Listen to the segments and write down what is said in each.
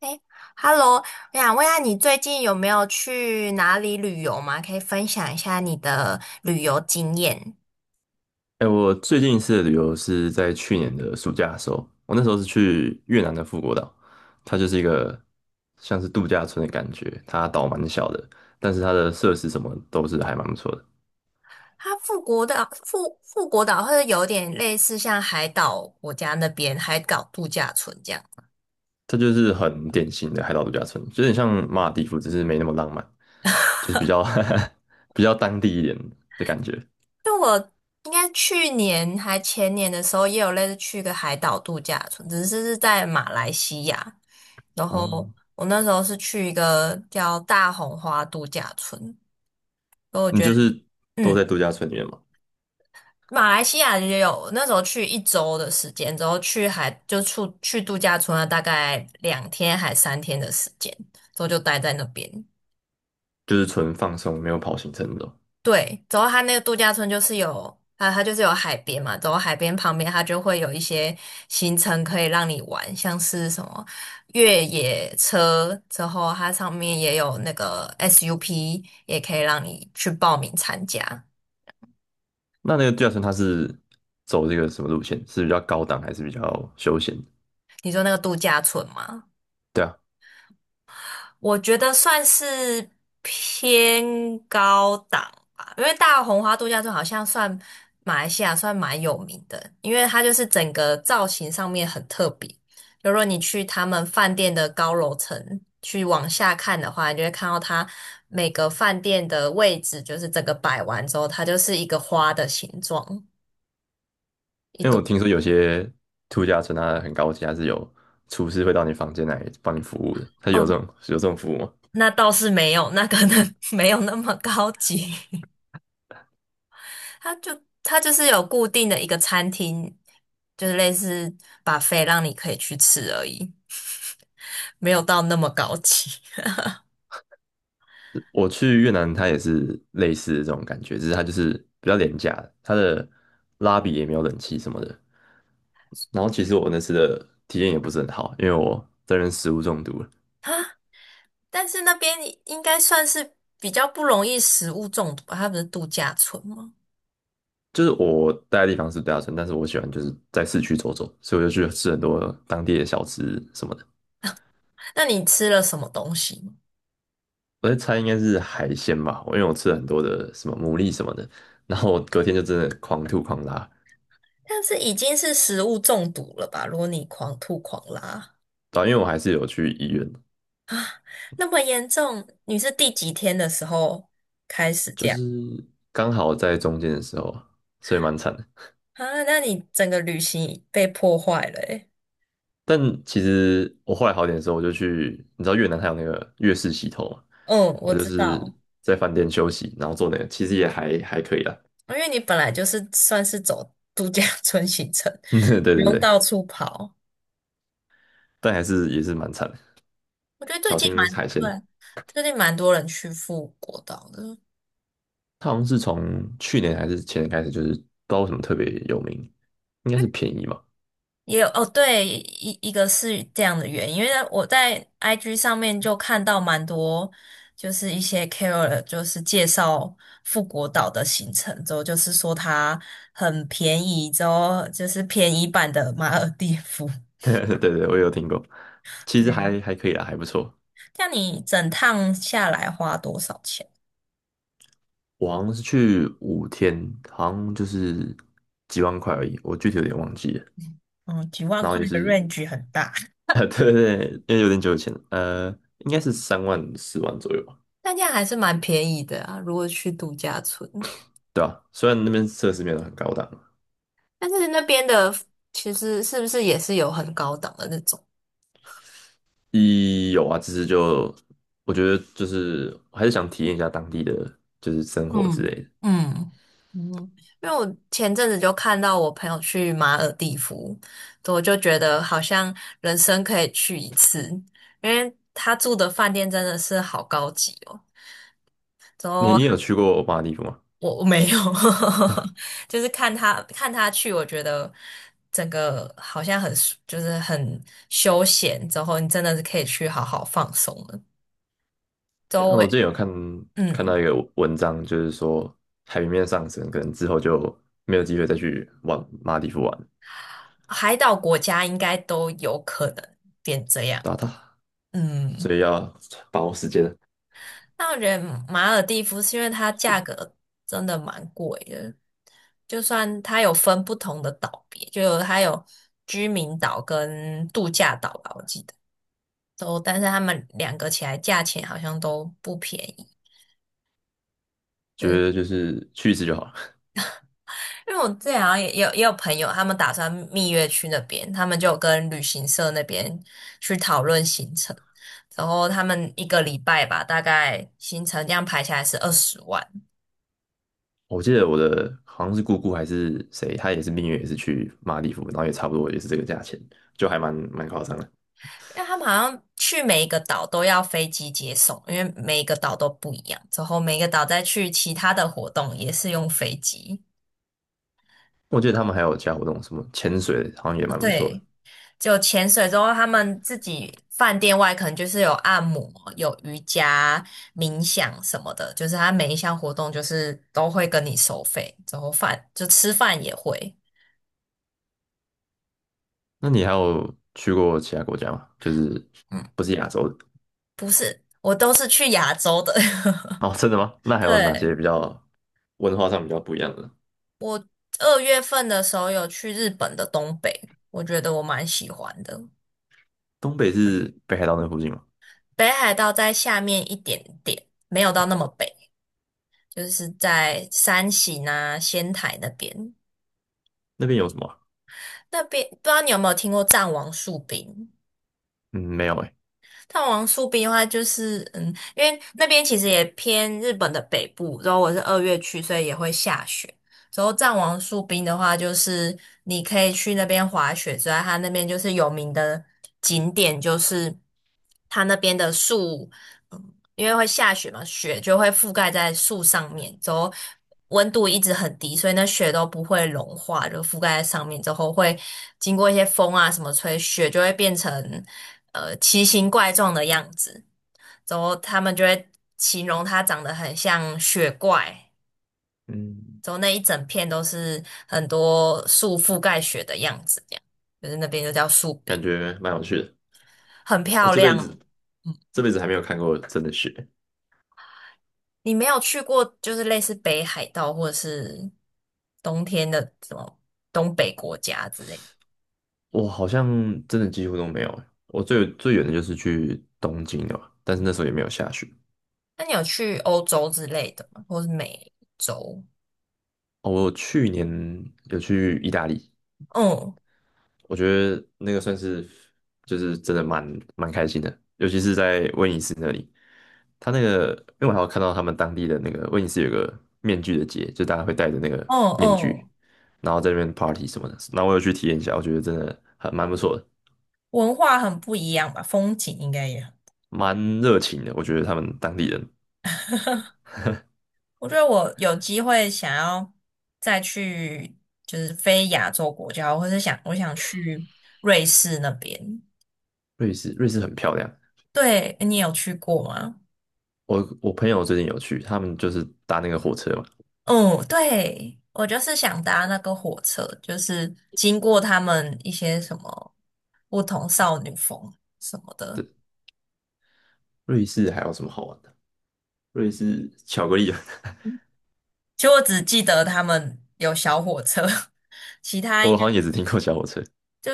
哎，Hello，我想问一下，你最近有没有去哪里旅游吗？可以分享一下你的旅游经验。哎、我最近一次的旅游是在去年的暑假的时候，我那时候是去越南的富国岛，它就是一个像是度假村的感觉，它岛蛮小的，但是它的设施什么都是还蛮不错的，它富国岛、富国岛或者有点类似像海岛国家那边海岛度假村这样。它就是很典型的海岛度假村，有点像马尔代夫，只是没那么浪漫，就是比较 比较当地一点的感觉。应该去年还前年的时候，也有类似去一个海岛度假村，只是是在马来西亚。然后啊。我那时候是去一个叫大红花度假村，所以我你觉就得，是都在嗯。度假村里面嘛，马来西亚也有，那时候去一周的时间，之后去海就出去度假村了，大概2天还3天的时间，之后就待在那边。就是纯放松，没有跑行程那种。对，之后它那个度假村就是有，它就是有海边嘛，之后海边旁边它就会有一些行程可以让你玩，像是什么越野车，之后它上面也有那个 SUP，也可以让你去报名参加。那个度假村它是走这个什么路线？是比较高档还是比较休闲？你说那个度假村吗？对啊，我觉得算是偏高档吧，因为大红花度假村好像算马来西亚算蛮有名的，因为它就是整个造型上面很特别。就如果你去他们饭店的高楼层去往下看的话，你就会看到它每个饭店的位置，就是整个摆完之后，它就是一个花的形状，一因为我朵。听说有些度假村它很高级，它是有厨师会到你房间来帮你服务的。它有哦，这种有这种服务吗？那倒是没有，那可能 没有那么高级。它是有固定的一个餐厅，就是类似把 u 让你可以去吃而已，没有到那么高级 我去越南，它也是类似的这种感觉，只是它就是比较廉价的它的拉比也没有冷气什么的。然后其实我那次的体验也不是很好，因为我这边食物中毒了。啊。但是那边应该算是比较不容易食物中毒吧？它不是度假村吗？就是我待的地方是度假村，但是我喜欢就是在市区走走，所以我就去吃很多当地的小吃什么的。那你吃了什么东西吗？我在猜应该是海鲜吧，因为我吃了很多的什么牡蛎什么的，然后我隔天就真的狂吐狂拉，但是已经是食物中毒了吧？如果你狂吐狂拉对啊，因为我还是有去医院，那么严重，你是第几天的时候开始就这样是刚好在中间的时候，所以蛮惨的。啊？那你整个旅行被破坏了欸。但其实我后来好点的时候，我就去，你知道越南它有那个越式洗头嘛，嗯，我我就知是道。在饭店休息，然后做那个，其实也还可以啦。因为你本来就是算是走度假 村行程，对不对用对，到处跑。但还是也是蛮惨的。我觉得最小近蛮心海鲜的。对，最近蛮多人去富国岛的，它好像是从去年还是前年开始，就是不知道为什么特别有名，应该是便宜嘛。也有哦，对，一个是这样的原因，因为我在 IG 上面就看到蛮多，就是一些 c KOL 就是介绍富国岛的行程，之后就是说它很便宜，之后就是便宜版的马尔地夫。对对，我也有听过，其对，实还可以啦，还不错。像你整趟下来花多少钱？我好像是去5天，好像就是几万块而已，我具体有点忘记了。嗯，几万然后块也的 是，range 很大。对对对，因为有点久以前应该是3万4万左右吧，但这样还是蛮便宜的啊，如果去度假村。嗯对吧，虽然那边设施没有很高档，但是那边的其实是不是也是有很高档的那种？一有啊，只是就我觉得就是我还是想体验一下当地的就是生活之类嗯，的。嗯嗯，因为我前阵子就看到我朋友去马尔地夫，我就觉得好像人生可以去一次，因为他住的饭店真的是好高级哦。之你后你有去过马尔地夫吗？我没有，就是看他去，我觉得整个好像很舒就是很休闲，之后你真的是可以去好好放松了。周我围，之前有看看嗯，到一个文章，就是说海平面上升，可能之后就没有机会再去往马尔地夫玩，海岛国家应该都有可能变这样。打打，所嗯，以要把握时间，那我觉得马尔蒂夫是因为它价格真的蛮贵的，就算它有分不同的岛别，就有它有居民岛跟度假岛吧，我记得。都，但是他们两个起来价钱好像都不便宜。觉得嗯，就是去一次就好了。因为我之前好像也有朋友，他们打算蜜月去那边，他们就有跟旅行社那边去讨论行程，然后他们一个礼拜吧，大概行程这样排下来是20万，我记得我的好像是姑姑还是谁，她也是蜜月，也是去马尔地夫，然后也差不多也是这个价钱，就还蛮夸张的。因为他们好像去每一个岛都要飞机接送，因为每一个岛都不一样，之后每一个岛再去其他的活动也是用飞机。我记得他们还有其他活动，什么潜水，好像也蛮不错的。对，就潜水之后，他们自己饭店外可能就是有按摩、有瑜伽、冥想什么的，就是他每一项活动就是都会跟你收费，之后饭就吃饭也会。那你还有去过其他国家吗？就是嗯，不是亚洲的？不是，我都是去亚洲的。哦，真的吗？那还有哪对，些比较文化上比较不一样的？我2月份的时候有去日本的东北，我觉得我蛮喜欢的。东北是北海道那附近吗？北海道在下面一点点，没有到那么北，就是在山形啊、仙台那边。那边有什么啊？那边不知道你有没有听过藏王树冰？嗯，没有诶。藏王树冰的话，就是嗯，因为那边其实也偏日本的北部，然后我是二月去，所以也会下雪。之后藏王树冰的话，就是你可以去那边滑雪之外，它那边就是有名的景点，就是它那边的树，嗯，因为会下雪嘛，雪就会覆盖在树上面，之后温度一直很低，所以那雪都不会融化，就覆盖在上面之后，会经过一些风啊什么吹，雪就会变成奇形怪状的样子，之后他们就会形容它长得很像雪怪。嗯，走那一整片都是很多树覆盖雪的样子，这样就是那边就叫树感壁，觉蛮有趣的。很我漂这辈亮。子嗯，这辈子还没有看过真的雪，你没有去过就是类似北海道或者是冬天的什么东北国家之类的我好像真的几乎都没有诶。我最远的就是去东京了吧，但是那时候也没有下雪。那你有去欧洲之类的吗？或是美洲？哦，我去年有去意大利，嗯我觉得那个算是就是真的蛮开心的，尤其是在威尼斯那里。他那个，因为我还有看到他们当地的那个威尼斯有个面具的节，就大家会戴着那个嗯面具，嗯，然后在那边 party 什么的。那我有去体验一下，我觉得真的还蛮不错的，文化很不一样吧，风景应该也很。蛮热情的。我觉得他们当地人，我觉得我有机会想要再去，就是非亚洲国家，或是我想去瑞士那边。瑞士很漂亮。对，你有去过吗？我朋友最近有去，他们就是搭那个火车嘛，嗯，对，我就是想搭那个火车，就是经过他们一些什么不同什么少女峰什么的。对，瑞士还有什么好玩的？瑞士巧克力，其实我只记得他们有小火车，其 他应我该。好像也只听过小火车。就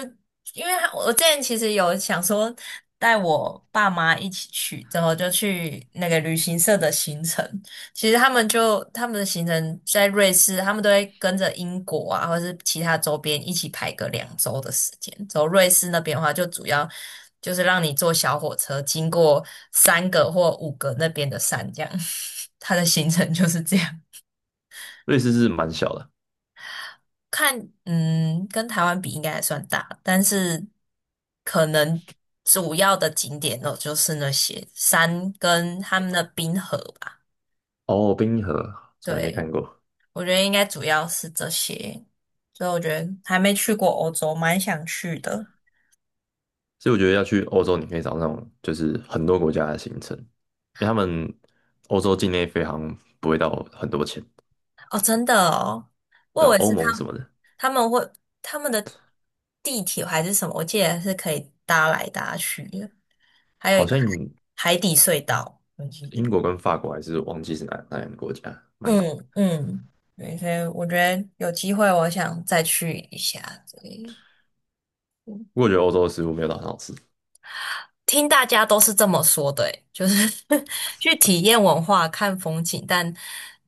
因为他我之前其实有想说带我爸妈一起去，之后就去那个旅行社的行程。其实他们的行程在瑞士，他们都会跟着英国啊，或是其他周边一起排个2周的时间。走瑞士那边的话，就主要就是让你坐小火车经过三个或五个那边的山，这样。他的行程就是这样。瑞士是蛮小的看，嗯，跟台湾比应该还算大，但是可能主要的景点哦就是那些山跟他们的冰河吧。哦，冰河从来没对，看过。我觉得应该主要是这些，所以我觉得还没去过欧洲，蛮想去的。所以我觉得要去欧洲，你可以找那种就是很多国家的行程，因为他们欧洲境内飞航不会到很多钱，哦，真的哦，我对吧？以为欧是盟什么的，他们会他们的地铁还是什么，我记得是可以搭来搭去的，还有好一个像海底隧道，我记英得。国跟法国还是忘记是哪两个国家，蛮，嗯嗯，对，所以我觉得有机会我想再去一下。里。不过我觉得欧洲的食物没有到很好吃，听大家都是这么说的欸就是 去体验文化、看风景，但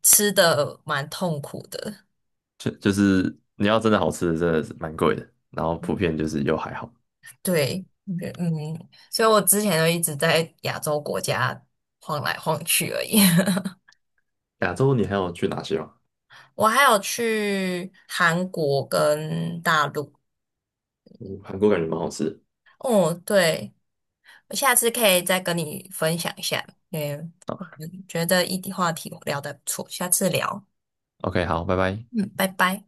吃的蛮痛苦的。就是你要真的好吃的，真的是蛮贵的，然后普遍就是又还好。对，嗯嗯，所以我之前就一直在亚洲国家晃来晃去而已。亚洲你还有去哪些吗？我还有去韩国跟大陆。嗯，韩国感觉蛮好吃的。哦，对。我下次可以再跟你分享一下，因为我觉得一题话题我聊得不错，下次聊，OK，好，拜拜。嗯，拜拜。